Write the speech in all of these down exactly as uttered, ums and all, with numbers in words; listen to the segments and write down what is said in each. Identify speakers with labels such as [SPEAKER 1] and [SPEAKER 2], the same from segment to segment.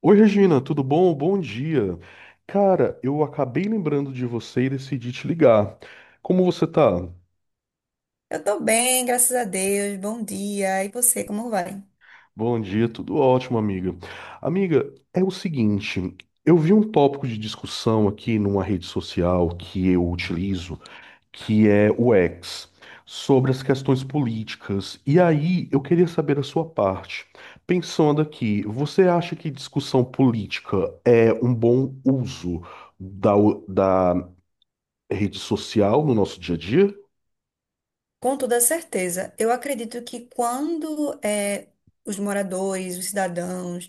[SPEAKER 1] Oi, Regina, tudo bom? Bom dia. Cara, eu acabei lembrando de você e decidi te ligar. Como você tá?
[SPEAKER 2] Eu tô bem, graças a Deus. Bom dia. E você, como vai?
[SPEAKER 1] Bom dia, tudo ótimo, amiga. Amiga, é o seguinte, eu vi um tópico de discussão aqui numa rede social que eu utilizo, que é o X, sobre as questões políticas. E aí, eu queria saber a sua parte. Pensando aqui, você acha que discussão política é um bom uso da, é rede social no nosso dia a dia?
[SPEAKER 2] Com toda certeza, eu acredito que quando eh, os moradores, os cidadãos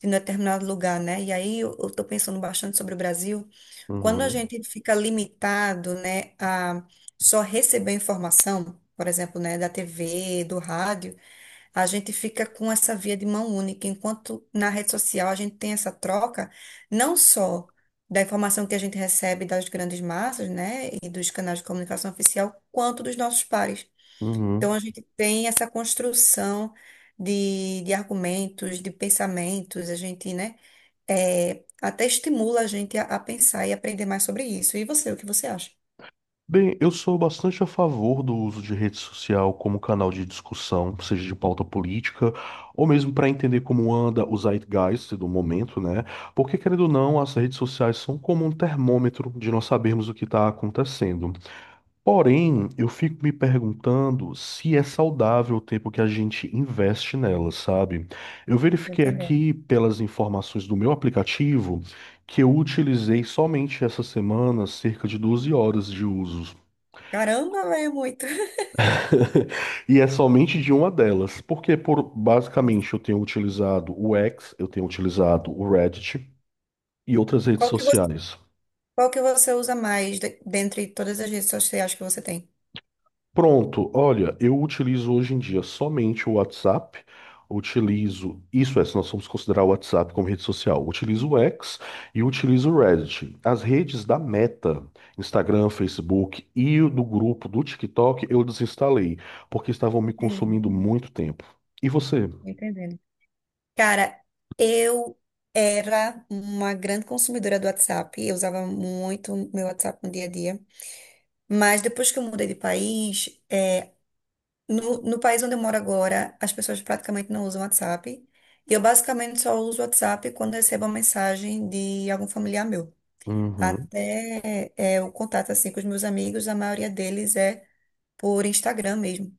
[SPEAKER 2] de um determinado lugar, né? E aí eu estou pensando bastante sobre o Brasil, quando a
[SPEAKER 1] Uhum,
[SPEAKER 2] gente fica limitado, né, a só receber informação, por exemplo, né, da T V, do rádio, a gente fica com essa via de mão única, enquanto na rede social a gente tem essa troca, não só da informação que a gente recebe das grandes massas, né, e dos canais de comunicação oficial, quanto dos nossos pares. Então
[SPEAKER 1] uhum.
[SPEAKER 2] a gente tem essa construção de, de argumentos, de pensamentos, a gente, né, é, até estimula a gente a, a pensar e aprender mais sobre isso. E você, o que você acha?
[SPEAKER 1] Bem, eu sou bastante a favor do uso de rede social como canal de discussão, seja de pauta política, ou mesmo para entender como anda o zeitgeist do momento, né? Porque, querendo ou não, as redes sociais são como um termômetro de nós sabermos o que está acontecendo. Porém, eu fico me perguntando se é saudável o tempo que a gente investe nela, sabe? Eu
[SPEAKER 2] Tô
[SPEAKER 1] verifiquei
[SPEAKER 2] entendendo.
[SPEAKER 1] aqui pelas informações do meu aplicativo que eu utilizei somente essa semana cerca de doze horas de uso.
[SPEAKER 2] Caramba, é muito.
[SPEAKER 1] E é somente de uma delas, porque por
[SPEAKER 2] Nossa.
[SPEAKER 1] basicamente eu tenho utilizado o X, eu tenho utilizado o Reddit e outras redes
[SPEAKER 2] Qual que você,
[SPEAKER 1] sociais.
[SPEAKER 2] qual que você usa mais de- dentre todas as redes sociais que você tem?
[SPEAKER 1] Pronto, olha, eu utilizo hoje em dia somente o WhatsApp. Utilizo, isso é, se nós formos considerar o WhatsApp como rede social, utilizo o X e utilizo o Reddit. As redes da Meta, Instagram, Facebook e o do grupo do TikTok, eu desinstalei, porque estavam me
[SPEAKER 2] Entendendo,
[SPEAKER 1] consumindo muito tempo. E você?
[SPEAKER 2] tô entendendo. Cara, eu era uma grande consumidora do WhatsApp. Eu usava muito meu WhatsApp no dia a dia. Mas depois que eu mudei de país, é, No, no país onde eu moro agora, as pessoas praticamente não usam WhatsApp. E eu basicamente só uso WhatsApp quando recebo uma mensagem de algum familiar meu.
[SPEAKER 1] Uhum,
[SPEAKER 2] Até é, o contato assim com os meus amigos, a maioria deles é por Instagram mesmo.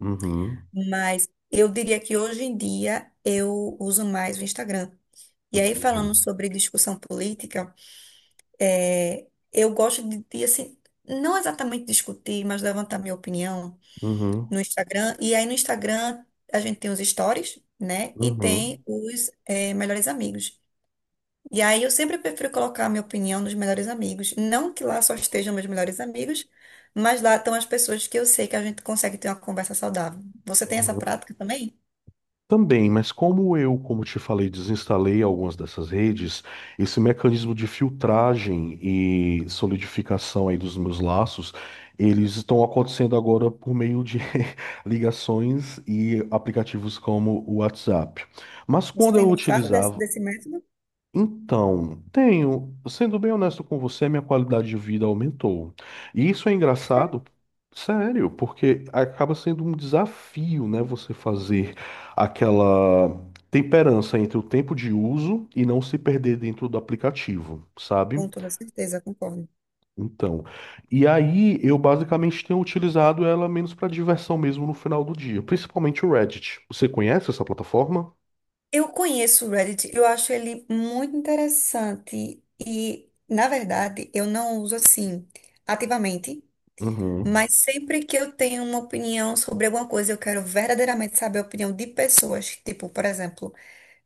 [SPEAKER 1] uhum,
[SPEAKER 2] Mas eu diria que hoje em dia eu uso mais o Instagram. E aí,
[SPEAKER 1] entendi.
[SPEAKER 2] falando sobre discussão política, é, eu gosto de, de, assim, não exatamente discutir, mas levantar minha opinião
[SPEAKER 1] Uhum,
[SPEAKER 2] no Instagram. E aí no Instagram a gente tem os stories, né? E
[SPEAKER 1] uhum,
[SPEAKER 2] tem os eh, melhores amigos. E aí eu sempre prefiro colocar a minha opinião nos melhores amigos. Não que lá só estejam meus melhores amigos, mas lá estão as pessoas que eu sei que a gente consegue ter uma conversa saudável. Você tem essa
[SPEAKER 1] uhum.
[SPEAKER 2] prática também?
[SPEAKER 1] Também, mas como eu, como te falei, desinstalei algumas dessas redes, esse mecanismo de filtragem e solidificação aí dos meus laços, eles estão acontecendo agora por meio de ligações e aplicativos como o WhatsApp. Mas
[SPEAKER 2] Você
[SPEAKER 1] quando
[SPEAKER 2] tem
[SPEAKER 1] eu
[SPEAKER 2] gostado desse,
[SPEAKER 1] utilizava,
[SPEAKER 2] desse método?
[SPEAKER 1] então, tenho, sendo bem honesto com você, minha qualidade de vida aumentou. E isso é
[SPEAKER 2] É,
[SPEAKER 1] engraçado, sério, porque acaba sendo um desafio, né, você fazer aquela temperança entre o tempo de uso e não se perder dentro do aplicativo, sabe?
[SPEAKER 2] com toda certeza, concordo.
[SPEAKER 1] Então, e aí eu basicamente tenho utilizado ela menos para diversão mesmo no final do dia, principalmente o Reddit. Você conhece essa plataforma?
[SPEAKER 2] Eu conheço o Reddit, eu acho ele muito interessante e, na verdade, eu não uso assim ativamente,
[SPEAKER 1] Uhum,
[SPEAKER 2] mas sempre que eu tenho uma opinião sobre alguma coisa, eu quero verdadeiramente saber a opinião de pessoas, tipo, por exemplo,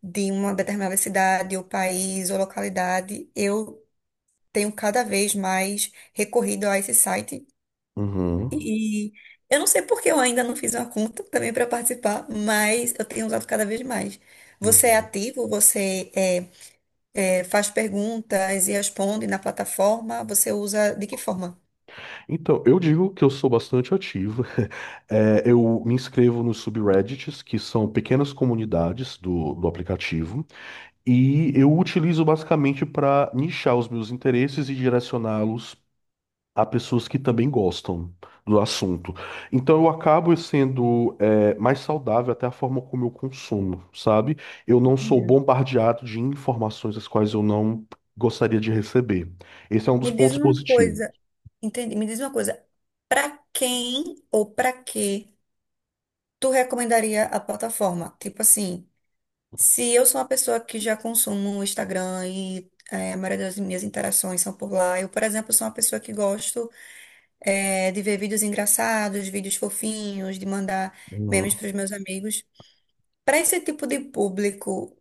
[SPEAKER 2] de uma determinada cidade, ou país, ou localidade, eu tenho cada vez mais recorrido a esse site.
[SPEAKER 1] uhum,
[SPEAKER 2] E eu não sei porque eu ainda não fiz uma conta também para participar, mas eu tenho usado cada vez mais. Você é
[SPEAKER 1] uhum.
[SPEAKER 2] ativo? Você é, é, faz perguntas e responde na plataforma? Você usa de que forma?
[SPEAKER 1] Então, eu digo que eu sou bastante ativo. É, eu me inscrevo nos subreddits, que são pequenas comunidades do, do aplicativo, e eu utilizo basicamente para nichar os meus interesses e direcioná-los a pessoas que também gostam do assunto. Então, eu acabo sendo, é, mais saudável até a forma como eu consumo, sabe? Eu não sou
[SPEAKER 2] Entendendo.
[SPEAKER 1] bombardeado de informações as quais eu não gostaria de receber. Esse é um
[SPEAKER 2] Me
[SPEAKER 1] dos
[SPEAKER 2] diz
[SPEAKER 1] pontos
[SPEAKER 2] uma
[SPEAKER 1] positivos.
[SPEAKER 2] coisa. Entendi. Me diz uma coisa, para quem ou para que tu recomendaria a plataforma? Tipo assim, se eu sou uma pessoa que já consumo o Instagram e eh, a maioria das minhas interações são por lá, eu, por exemplo, sou uma pessoa que gosto eh, de ver vídeos engraçados, vídeos fofinhos, de mandar
[SPEAKER 1] Uhum.
[SPEAKER 2] memes para os meus amigos. Para esse tipo de público,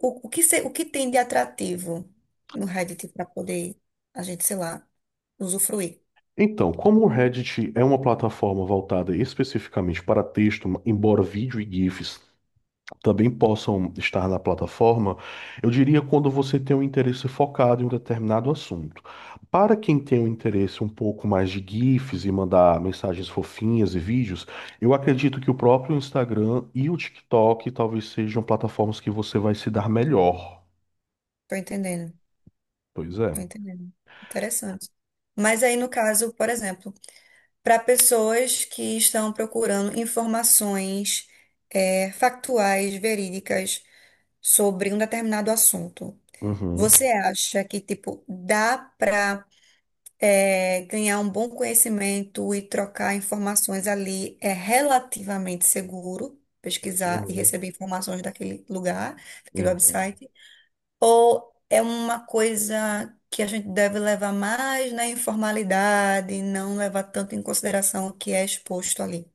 [SPEAKER 2] o, o que se- o que tem de atrativo no Reddit para poder a gente, sei lá, usufruir?
[SPEAKER 1] Então, como o Reddit é uma plataforma voltada especificamente para texto, embora vídeo e GIFs também possam estar na plataforma, eu diria quando você tem um interesse focado em um determinado assunto. Para quem tem um interesse um pouco mais de GIFs e mandar mensagens fofinhas e vídeos, eu acredito que o próprio Instagram e o TikTok talvez sejam plataformas que você vai se dar melhor.
[SPEAKER 2] Tô entendendo.
[SPEAKER 1] Pois é.
[SPEAKER 2] Tô entendendo. Interessante. Mas aí, no caso, por exemplo, para pessoas que estão procurando informações eh, factuais, verídicas sobre um determinado assunto,
[SPEAKER 1] Uhum.
[SPEAKER 2] você acha que, tipo, dá para ganhar um bom conhecimento e trocar informações ali é relativamente seguro? Pesquisar e
[SPEAKER 1] Uhum.
[SPEAKER 2] receber informações daquele lugar, daquele
[SPEAKER 1] Uhum.
[SPEAKER 2] website? Ou é uma coisa que a gente deve levar mais na informalidade, não levar tanto em consideração o que é exposto ali?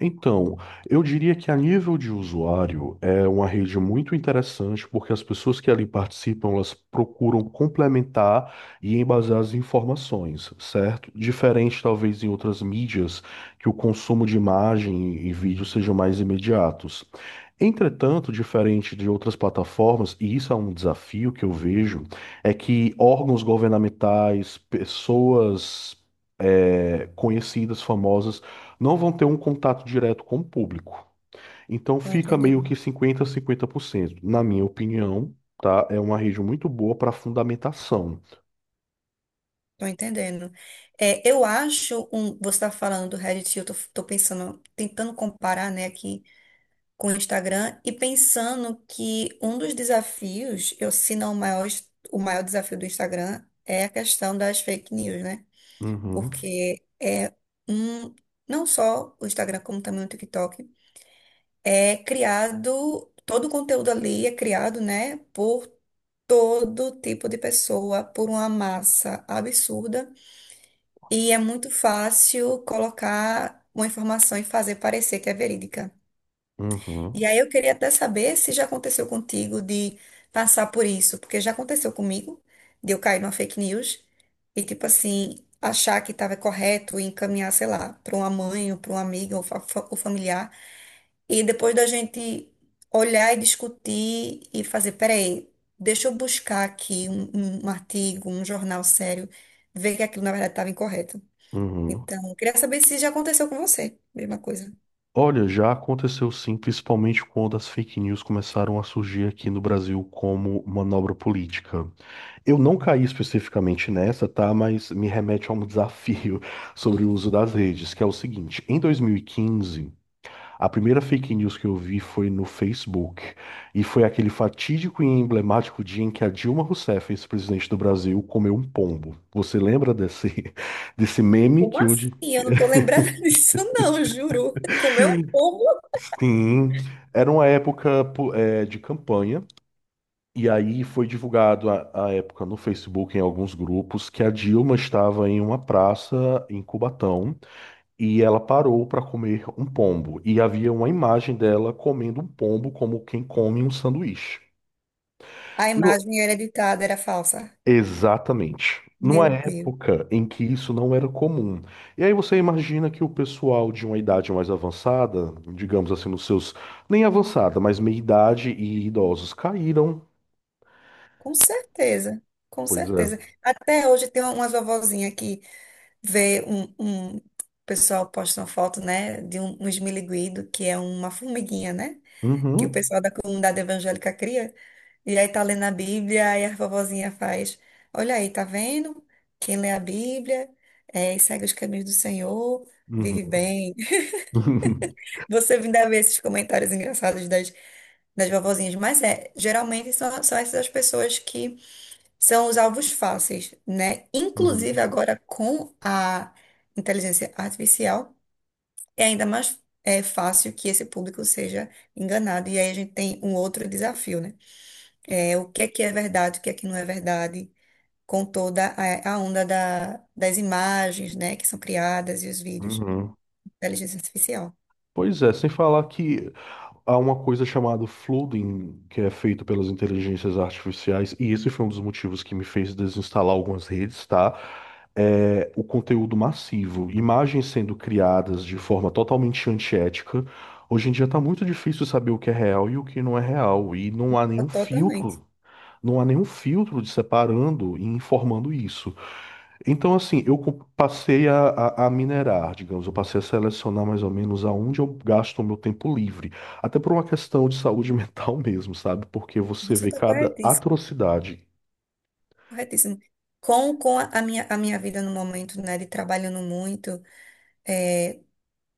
[SPEAKER 1] Então, eu diria que a nível de usuário é uma rede muito interessante porque as pessoas que ali participam, elas procuram complementar e embasar as informações, certo? Diferente talvez em outras mídias que o consumo de imagem e vídeo sejam mais imediatos. Entretanto, diferente de outras plataformas, e isso é um desafio que eu vejo, é que órgãos governamentais, pessoas eh, conhecidas, famosas não vão ter um contato direto com o público. Então
[SPEAKER 2] Tô
[SPEAKER 1] fica meio
[SPEAKER 2] entendendo.
[SPEAKER 1] que cinquenta a cinquenta por cento, na minha opinião, tá? É uma rede muito boa para fundamentação.
[SPEAKER 2] Tô entendendo. É, eu acho, um, você está falando do Reddit, eu tô, tô pensando, tentando comparar, né, aqui com o Instagram e pensando que um dos desafios, eu, se não o maior, o maior desafio do Instagram é a questão das fake news, né?
[SPEAKER 1] Uhum,
[SPEAKER 2] Porque é um, não só o Instagram, como também o TikTok é criado, todo o conteúdo ali é criado, né, por todo tipo de pessoa, por uma massa absurda, e é muito fácil colocar uma informação e fazer parecer que é verídica. E
[SPEAKER 1] uhum,
[SPEAKER 2] aí eu queria até saber se já aconteceu contigo de passar por isso, porque já aconteceu comigo, de eu cair numa fake news e, tipo assim, achar que estava correto e encaminhar, sei lá, para uma mãe ou para um amigo ou fa- fa- ou familiar. E depois da gente olhar e discutir e fazer, peraí, deixa eu buscar aqui um, um um artigo, um jornal sério, ver que aquilo na verdade estava incorreto.
[SPEAKER 1] uhum.
[SPEAKER 2] Então, eu queria saber se já aconteceu com você, mesma coisa.
[SPEAKER 1] Olha, já aconteceu sim, principalmente quando as fake news começaram a surgir aqui no Brasil como manobra política. Eu não caí especificamente nessa, tá? Mas me remete a um desafio sobre o uso das redes, que é o seguinte: em dois mil e quinze, a primeira fake news que eu vi foi no Facebook, e foi aquele fatídico e emblemático dia em que a Dilma Rousseff, ex-presidente do Brasil, comeu um pombo. Você lembra desse, desse meme
[SPEAKER 2] Como
[SPEAKER 1] que
[SPEAKER 2] assim?
[SPEAKER 1] hoje.
[SPEAKER 2] Eu não tô lembrada disso, não, juro. Comeu meu povo,
[SPEAKER 1] Sim, era uma época po- eh, de campanha, e aí foi divulgado à à época no Facebook, em alguns grupos, que a Dilma estava em uma praça em Cubatão e ela parou para comer um pombo. E havia uma imagem dela comendo um pombo como quem come um sanduíche.
[SPEAKER 2] a imagem era editada, era falsa.
[SPEAKER 1] Exatamente. Numa
[SPEAKER 2] Meu Deus.
[SPEAKER 1] época em que isso não era comum. E aí você imagina que o pessoal de uma idade mais avançada, digamos assim, nos seus, nem avançada, mas meia-idade e idosos caíram.
[SPEAKER 2] Com certeza, com
[SPEAKER 1] Pois
[SPEAKER 2] certeza.
[SPEAKER 1] é.
[SPEAKER 2] Até hoje tem umas vovozinhas que vê um, um o pessoal posta uma foto, né, de um, um esmiliguido, que é uma formiguinha, né, que o
[SPEAKER 1] Uhum.
[SPEAKER 2] pessoal da comunidade evangélica cria. E aí tá lendo a Bíblia e a vovozinha faz, olha aí, tá vendo? Quem lê a Bíblia é, e segue os caminhos do Senhor, vive
[SPEAKER 1] Uhum.
[SPEAKER 2] bem. Você ainda vê esses comentários engraçados das, das vovozinhas, mas é, geralmente são, são essas as pessoas que são os alvos fáceis, né? Inclusive
[SPEAKER 1] Uhum.
[SPEAKER 2] agora com a inteligência artificial, é ainda mais é, fácil que esse público seja enganado. E aí a gente tem um outro desafio, né? É, o que é que é verdade, o que é que não é verdade, com toda a, a onda da- das imagens, né, que são criadas e os vídeos
[SPEAKER 1] Uhum.
[SPEAKER 2] de inteligência artificial.
[SPEAKER 1] Pois é, sem falar que há uma coisa chamada flooding, que é feito pelas inteligências artificiais, e esse foi um dos motivos que me fez desinstalar algumas redes, tá? É o conteúdo massivo, imagens sendo criadas de forma totalmente antiética. Hoje em dia tá muito difícil saber o que é real e o que não é real, e não há nenhum
[SPEAKER 2] Totalmente.
[SPEAKER 1] filtro, não há nenhum filtro de separando e informando isso. Então, assim, eu co- passei a, a- a minerar, digamos, eu passei a selecionar mais ou menos aonde eu gasto o meu tempo livre. Até por uma questão de saúde mental mesmo, sabe? Porque você
[SPEAKER 2] Você
[SPEAKER 1] vê
[SPEAKER 2] está
[SPEAKER 1] cada
[SPEAKER 2] corretíssimo.
[SPEAKER 1] atrocidade.
[SPEAKER 2] Corretíssimo. Com, com a a minha, a minha vida no momento, né, de trabalhando muito,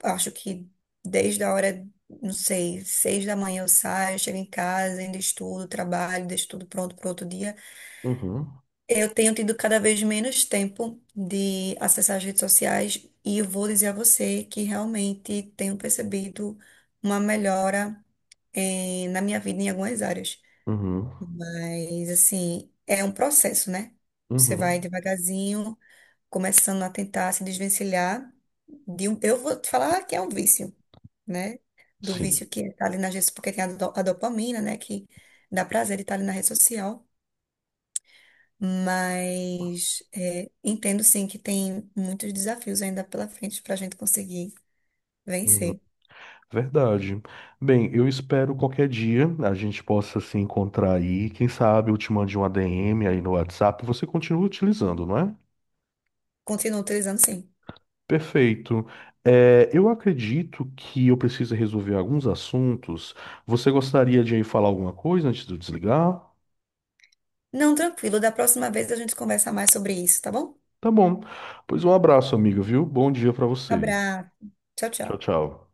[SPEAKER 2] acho que desde a hora, não sei, seis da manhã eu saio, chego em casa, ainda estudo, trabalho, deixo tudo pronto para outro dia.
[SPEAKER 1] Uhum,
[SPEAKER 2] Eu tenho tido cada vez menos tempo de acessar as redes sociais e eu vou dizer a você que realmente tenho percebido uma melhora, eh, na minha vida em algumas áreas.
[SPEAKER 1] uhum,
[SPEAKER 2] Mas, assim, é um processo, né? Você vai
[SPEAKER 1] uhum.
[SPEAKER 2] devagarzinho começando a tentar se desvencilhar de um, eu vou te falar que é um vício, né? Do
[SPEAKER 1] Sim.
[SPEAKER 2] vício que está ali nas redes, porque tem a, do- a dopamina, né? Que dá prazer de estar ali na rede social. Mas é, entendo sim que tem muitos desafios ainda pela frente para a gente conseguir
[SPEAKER 1] Uhum.
[SPEAKER 2] vencer.
[SPEAKER 1] Verdade. Bem, eu espero qualquer dia a gente possa se encontrar aí. Quem sabe eu te mande um A D M aí no WhatsApp. Você continua utilizando, não é?
[SPEAKER 2] Continuo utilizando sim.
[SPEAKER 1] Perfeito. É, eu acredito que eu preciso resolver alguns assuntos. Você gostaria de aí falar alguma coisa antes de eu desligar?
[SPEAKER 2] Não, tranquilo. Da próxima vez a gente conversa mais sobre isso, tá bom?
[SPEAKER 1] Tá bom. Pois um abraço, amiga, viu? Bom dia pra você.
[SPEAKER 2] Abraço. Tchau,
[SPEAKER 1] Tchau,
[SPEAKER 2] tchau.
[SPEAKER 1] tchau.